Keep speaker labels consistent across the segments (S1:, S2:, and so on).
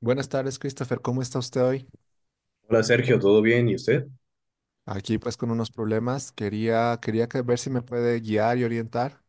S1: Buenas tardes, Christopher. ¿Cómo está usted hoy?
S2: Hola Sergio, ¿todo bien? ¿Y usted?
S1: Aquí pues con unos problemas. Quería ver si me puede guiar y orientar.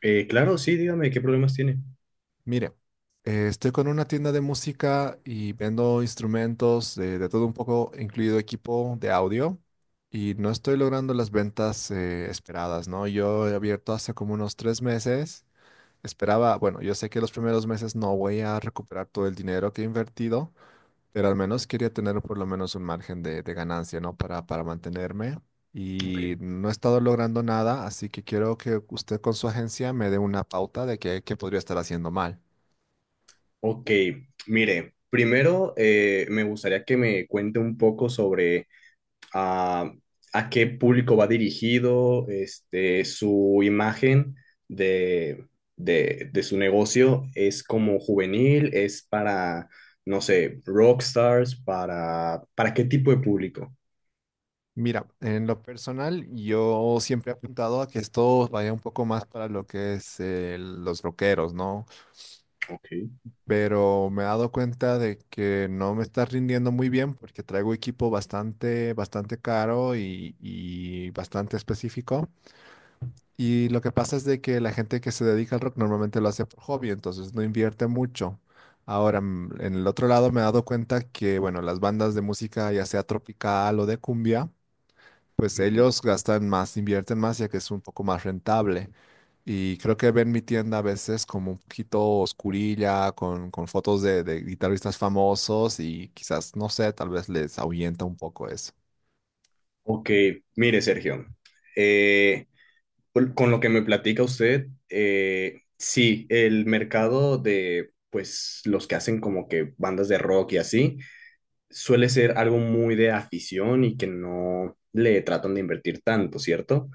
S2: Claro, sí, dígame, ¿qué problemas tiene?
S1: Mire, estoy con una tienda de música y vendo instrumentos, de todo un poco, incluido equipo de audio, y no estoy logrando las ventas esperadas, ¿no? Yo he abierto hace como unos 3 meses. Esperaba, bueno, yo sé que los primeros meses no voy a recuperar todo el dinero que he invertido, pero al menos quería tener por lo menos un margen de ganancia, ¿no? Para mantenerme. Y
S2: Ok.
S1: no he estado logrando nada, así que quiero que usted con su agencia me dé una pauta de qué podría estar haciendo mal.
S2: Ok, mire, primero me gustaría que me cuente un poco sobre ah, a qué público va dirigido, este, su imagen de, de su negocio. Es como juvenil, es para, no sé, rockstars, ¿para qué tipo de público?
S1: Mira, en lo personal, yo siempre he apuntado a que esto vaya un poco más para lo que es, los rockeros, ¿no?
S2: Ok.
S1: Pero me he dado cuenta de que no me está rindiendo muy bien porque traigo equipo bastante, bastante caro y bastante específico. Y lo que pasa es de que la gente que se dedica al rock normalmente lo hace por hobby, entonces no invierte mucho. Ahora, en el otro lado me he dado cuenta que, bueno, las bandas de música, ya sea tropical o de cumbia, pues
S2: Ujú.
S1: ellos gastan más, invierten más, ya que es un poco más rentable. Y creo que ven mi tienda a veces como un poquito oscurilla, con fotos de guitarristas famosos y quizás, no sé, tal vez les ahuyenta un poco eso.
S2: Ok, mire Sergio. eh, con lo que me platica usted, sí, el mercado de, pues, los que hacen como que bandas de rock y así, suele ser algo muy de afición y que no le tratan de invertir tanto, ¿cierto?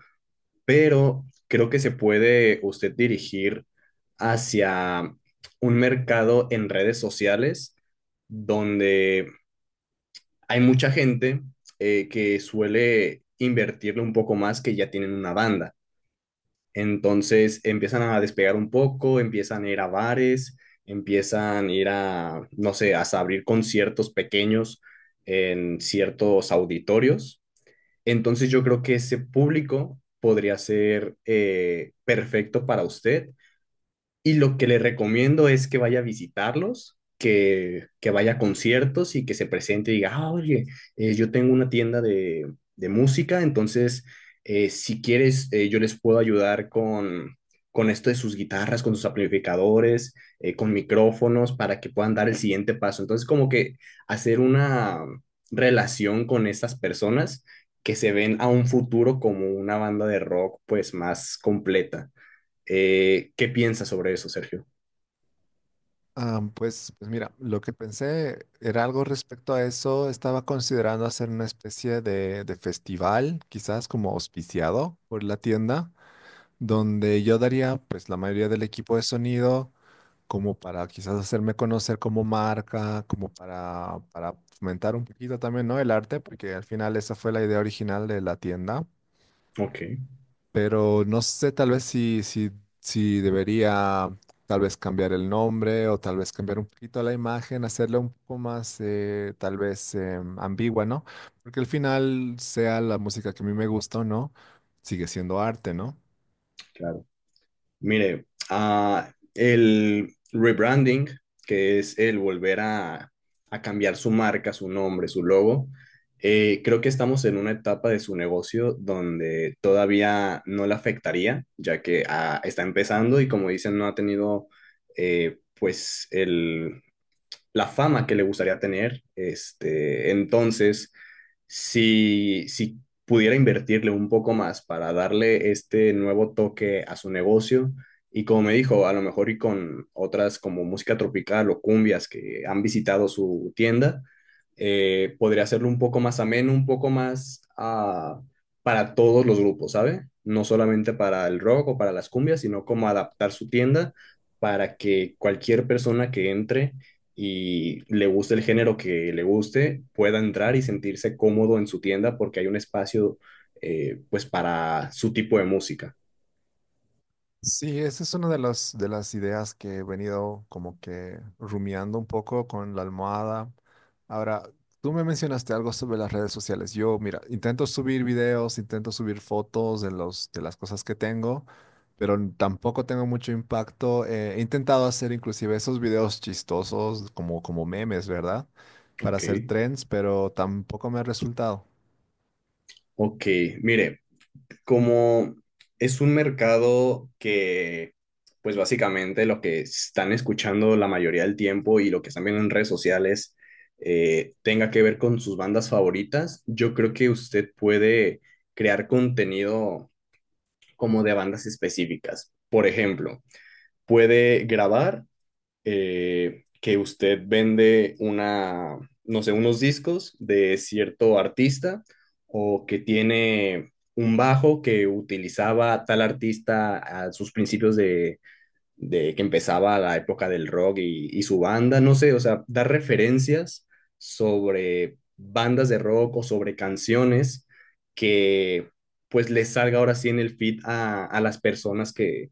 S2: Pero creo que se puede usted dirigir hacia un mercado en redes sociales donde hay mucha gente que suele invertirle un poco más, que ya tienen una banda. Entonces empiezan a despegar un poco, empiezan a ir a bares, empiezan a ir no sé, a abrir conciertos pequeños en ciertos auditorios. Entonces yo creo que ese público podría ser perfecto para usted, y lo que le recomiendo es que vaya a visitarlos, que vaya a conciertos y que se presente y diga, ah, oye, yo tengo una tienda de, música. Entonces, si quieres, yo les puedo ayudar con, esto de sus guitarras, con sus amplificadores, con micrófonos, para que puedan dar el siguiente paso. Entonces, como que hacer una relación con estas personas, que se ven a un futuro como una banda de rock, pues, más completa. ¿Qué piensas sobre eso, Sergio?
S1: Ah, pues mira, lo que pensé era algo respecto a eso. Estaba considerando hacer una especie de festival, quizás como auspiciado por la tienda, donde yo daría pues la mayoría del equipo de sonido como para quizás hacerme conocer como marca, como para fomentar un poquito también, ¿no? El arte, porque al final esa fue la idea original de la tienda.
S2: Ok,
S1: Pero no sé tal vez si debería tal vez cambiar el nombre o tal vez cambiar un poquito la imagen, hacerla un poco más, tal vez ambigua, ¿no? Porque al final, sea la música que a mí me gusta o no, sigue siendo arte, ¿no?
S2: claro. Mire, el rebranding, que es el volver a cambiar su marca, su nombre, su logo, creo que estamos en una etapa de su negocio donde todavía no le afectaría, ya que está empezando y, como dicen, no ha tenido pues la fama que le gustaría tener. Este, entonces, si pudiera invertirle un poco más para darle este nuevo toque a su negocio. Y como me dijo, a lo mejor y con otras como música tropical o cumbias que han visitado su tienda, podría hacerlo un poco más ameno, un poco más para todos los grupos, ¿sabe? No solamente para el rock o para las cumbias, sino como adaptar su tienda para que cualquier persona que entre, y le guste el género que le guste, pueda entrar y sentirse cómodo en su tienda porque hay un espacio pues para su tipo de música.
S1: Sí, esa es una de las ideas que he venido como que rumiando un poco con la almohada. Ahora, tú me mencionaste algo sobre las redes sociales. Yo, mira, intento subir videos, intento subir fotos de los, de las cosas que tengo, pero tampoco tengo mucho impacto. He intentado hacer inclusive esos videos chistosos como, como memes, ¿verdad? Para
S2: Ok,
S1: hacer trends, pero tampoco me ha resultado.
S2: Ok, mire, como es un mercado que, pues básicamente lo que están escuchando la mayoría del tiempo y lo que están viendo en redes sociales tenga que ver con sus bandas favoritas, yo creo que usted puede crear contenido como de bandas específicas. Por ejemplo, puede grabar que usted vende una, no sé, unos discos de cierto artista, o que tiene un bajo que utilizaba tal artista a sus principios de, que empezaba la época del rock y, su banda, no sé, o sea, dar referencias sobre bandas de rock o sobre canciones que pues les salga ahora sí en el feed a las personas que,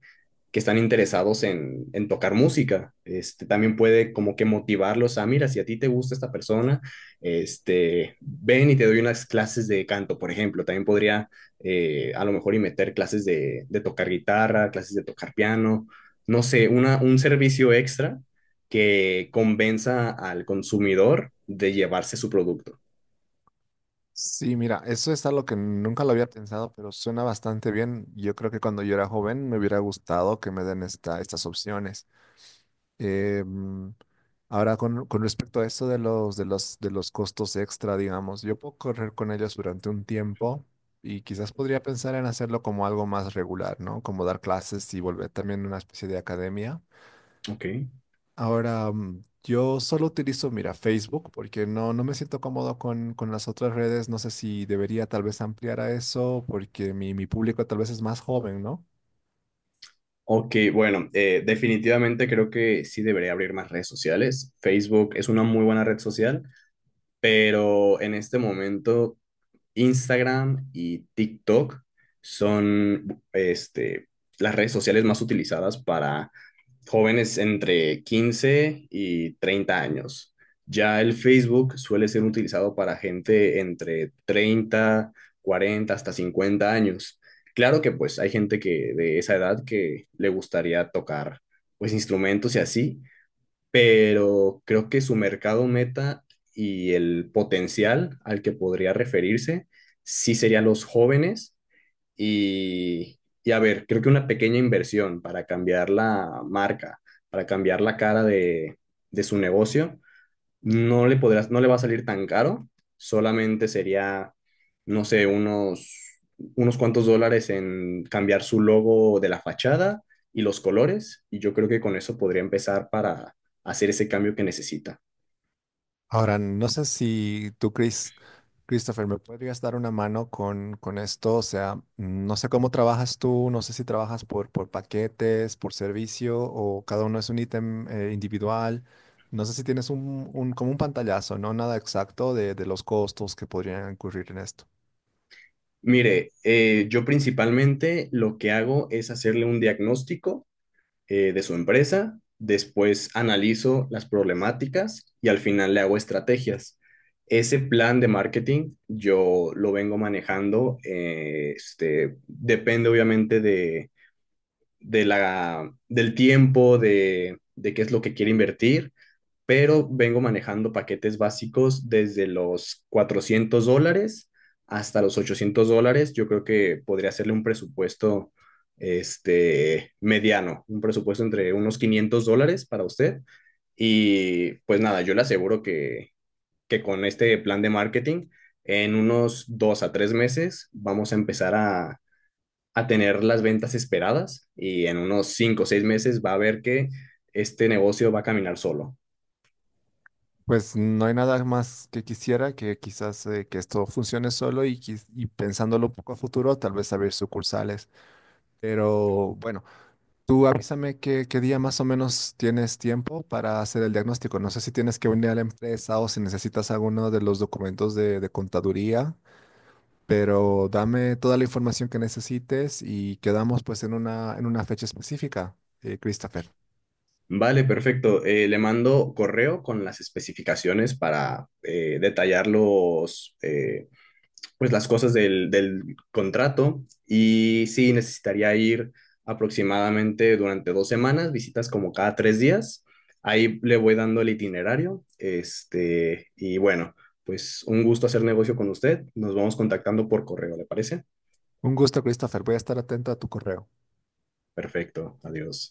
S2: que están interesados en, tocar música. Este, también puede como que motivarlos a, mira, si a ti te gusta esta persona, este, ven y te doy unas clases de canto, por ejemplo. También podría a lo mejor y meter clases de, tocar guitarra, clases de tocar piano, no sé, un servicio extra que convenza al consumidor de llevarse su producto.
S1: Sí, mira, eso es algo que nunca lo había pensado, pero suena bastante bien. Yo creo que cuando yo era joven me hubiera gustado que me den estas opciones. Eh, mm, ahora, con respecto a eso de los costos extra, digamos, yo puedo correr con ellos durante un tiempo y quizás podría pensar en hacerlo como algo más regular, ¿no? Como dar clases y volver también a una especie de academia.
S2: Ok.
S1: Ahora, yo solo utilizo, mira, Facebook porque no, no me siento cómodo con las otras redes. No sé si debería tal vez ampliar a eso porque mi público tal vez es más joven, ¿no?
S2: Ok, bueno, definitivamente creo que sí debería abrir más redes sociales. Facebook es una muy buena red social, pero en este momento Instagram y TikTok son, este, las redes sociales más utilizadas para jóvenes entre 15 y 30 años. Ya el Facebook suele ser utilizado para gente entre 30, 40, hasta 50 años. Claro que pues hay gente que de esa edad que le gustaría tocar pues instrumentos y así, pero creo que su mercado meta y el potencial al que podría referirse sí serían los jóvenes. Y, a ver, creo que una pequeña inversión para cambiar la marca, para cambiar la cara de, su negocio, no le va a salir tan caro. Solamente sería, no sé, unos cuantos dólares en cambiar su logo de la fachada y los colores, y yo creo que con eso podría empezar para hacer ese cambio que necesita.
S1: Ahora, no sé si tú, Christopher, me podrías dar una mano con esto. O sea, no sé cómo trabajas tú, no sé si trabajas por paquetes, por servicio o cada uno es un ítem, individual. No sé si tienes como un pantallazo, ¿no? Nada exacto de los costos que podrían incurrir en esto.
S2: Mire, yo principalmente lo que hago es hacerle un diagnóstico de su empresa, después analizo las problemáticas y al final le hago estrategias. Ese plan de marketing yo lo vengo manejando, este, depende obviamente de, la, del tiempo, de, qué es lo que quiere invertir, pero vengo manejando paquetes básicos desde los $400 hasta los $800. Yo creo que podría hacerle un presupuesto, este, mediano, un presupuesto entre unos $500 para usted. Y pues nada, yo le aseguro que, con este plan de marketing, en unos 2 a 3 meses vamos a empezar a tener las ventas esperadas, y en unos 5 o 6 meses va a ver que este negocio va a caminar solo.
S1: Pues no hay nada más que quisiera que quizás, que esto funcione solo y, y pensándolo un poco a futuro, tal vez abrir sucursales. Pero bueno, tú avísame qué día más o menos tienes tiempo para hacer el diagnóstico. No sé si tienes que venir a la empresa o si necesitas alguno de los documentos de contaduría, pero dame toda la información que necesites y quedamos pues en una fecha específica, Christopher.
S2: Vale, perfecto. Le mando correo con las especificaciones para detallar pues las cosas del, contrato. Y sí, necesitaría ir aproximadamente durante 2 semanas, visitas como cada 3 días. Ahí le voy dando el itinerario. Este, y bueno, pues un gusto hacer negocio con usted. Nos vamos contactando por correo, ¿le parece?
S1: Un gusto, Christopher. Voy a estar atento a tu correo.
S2: Perfecto. Adiós.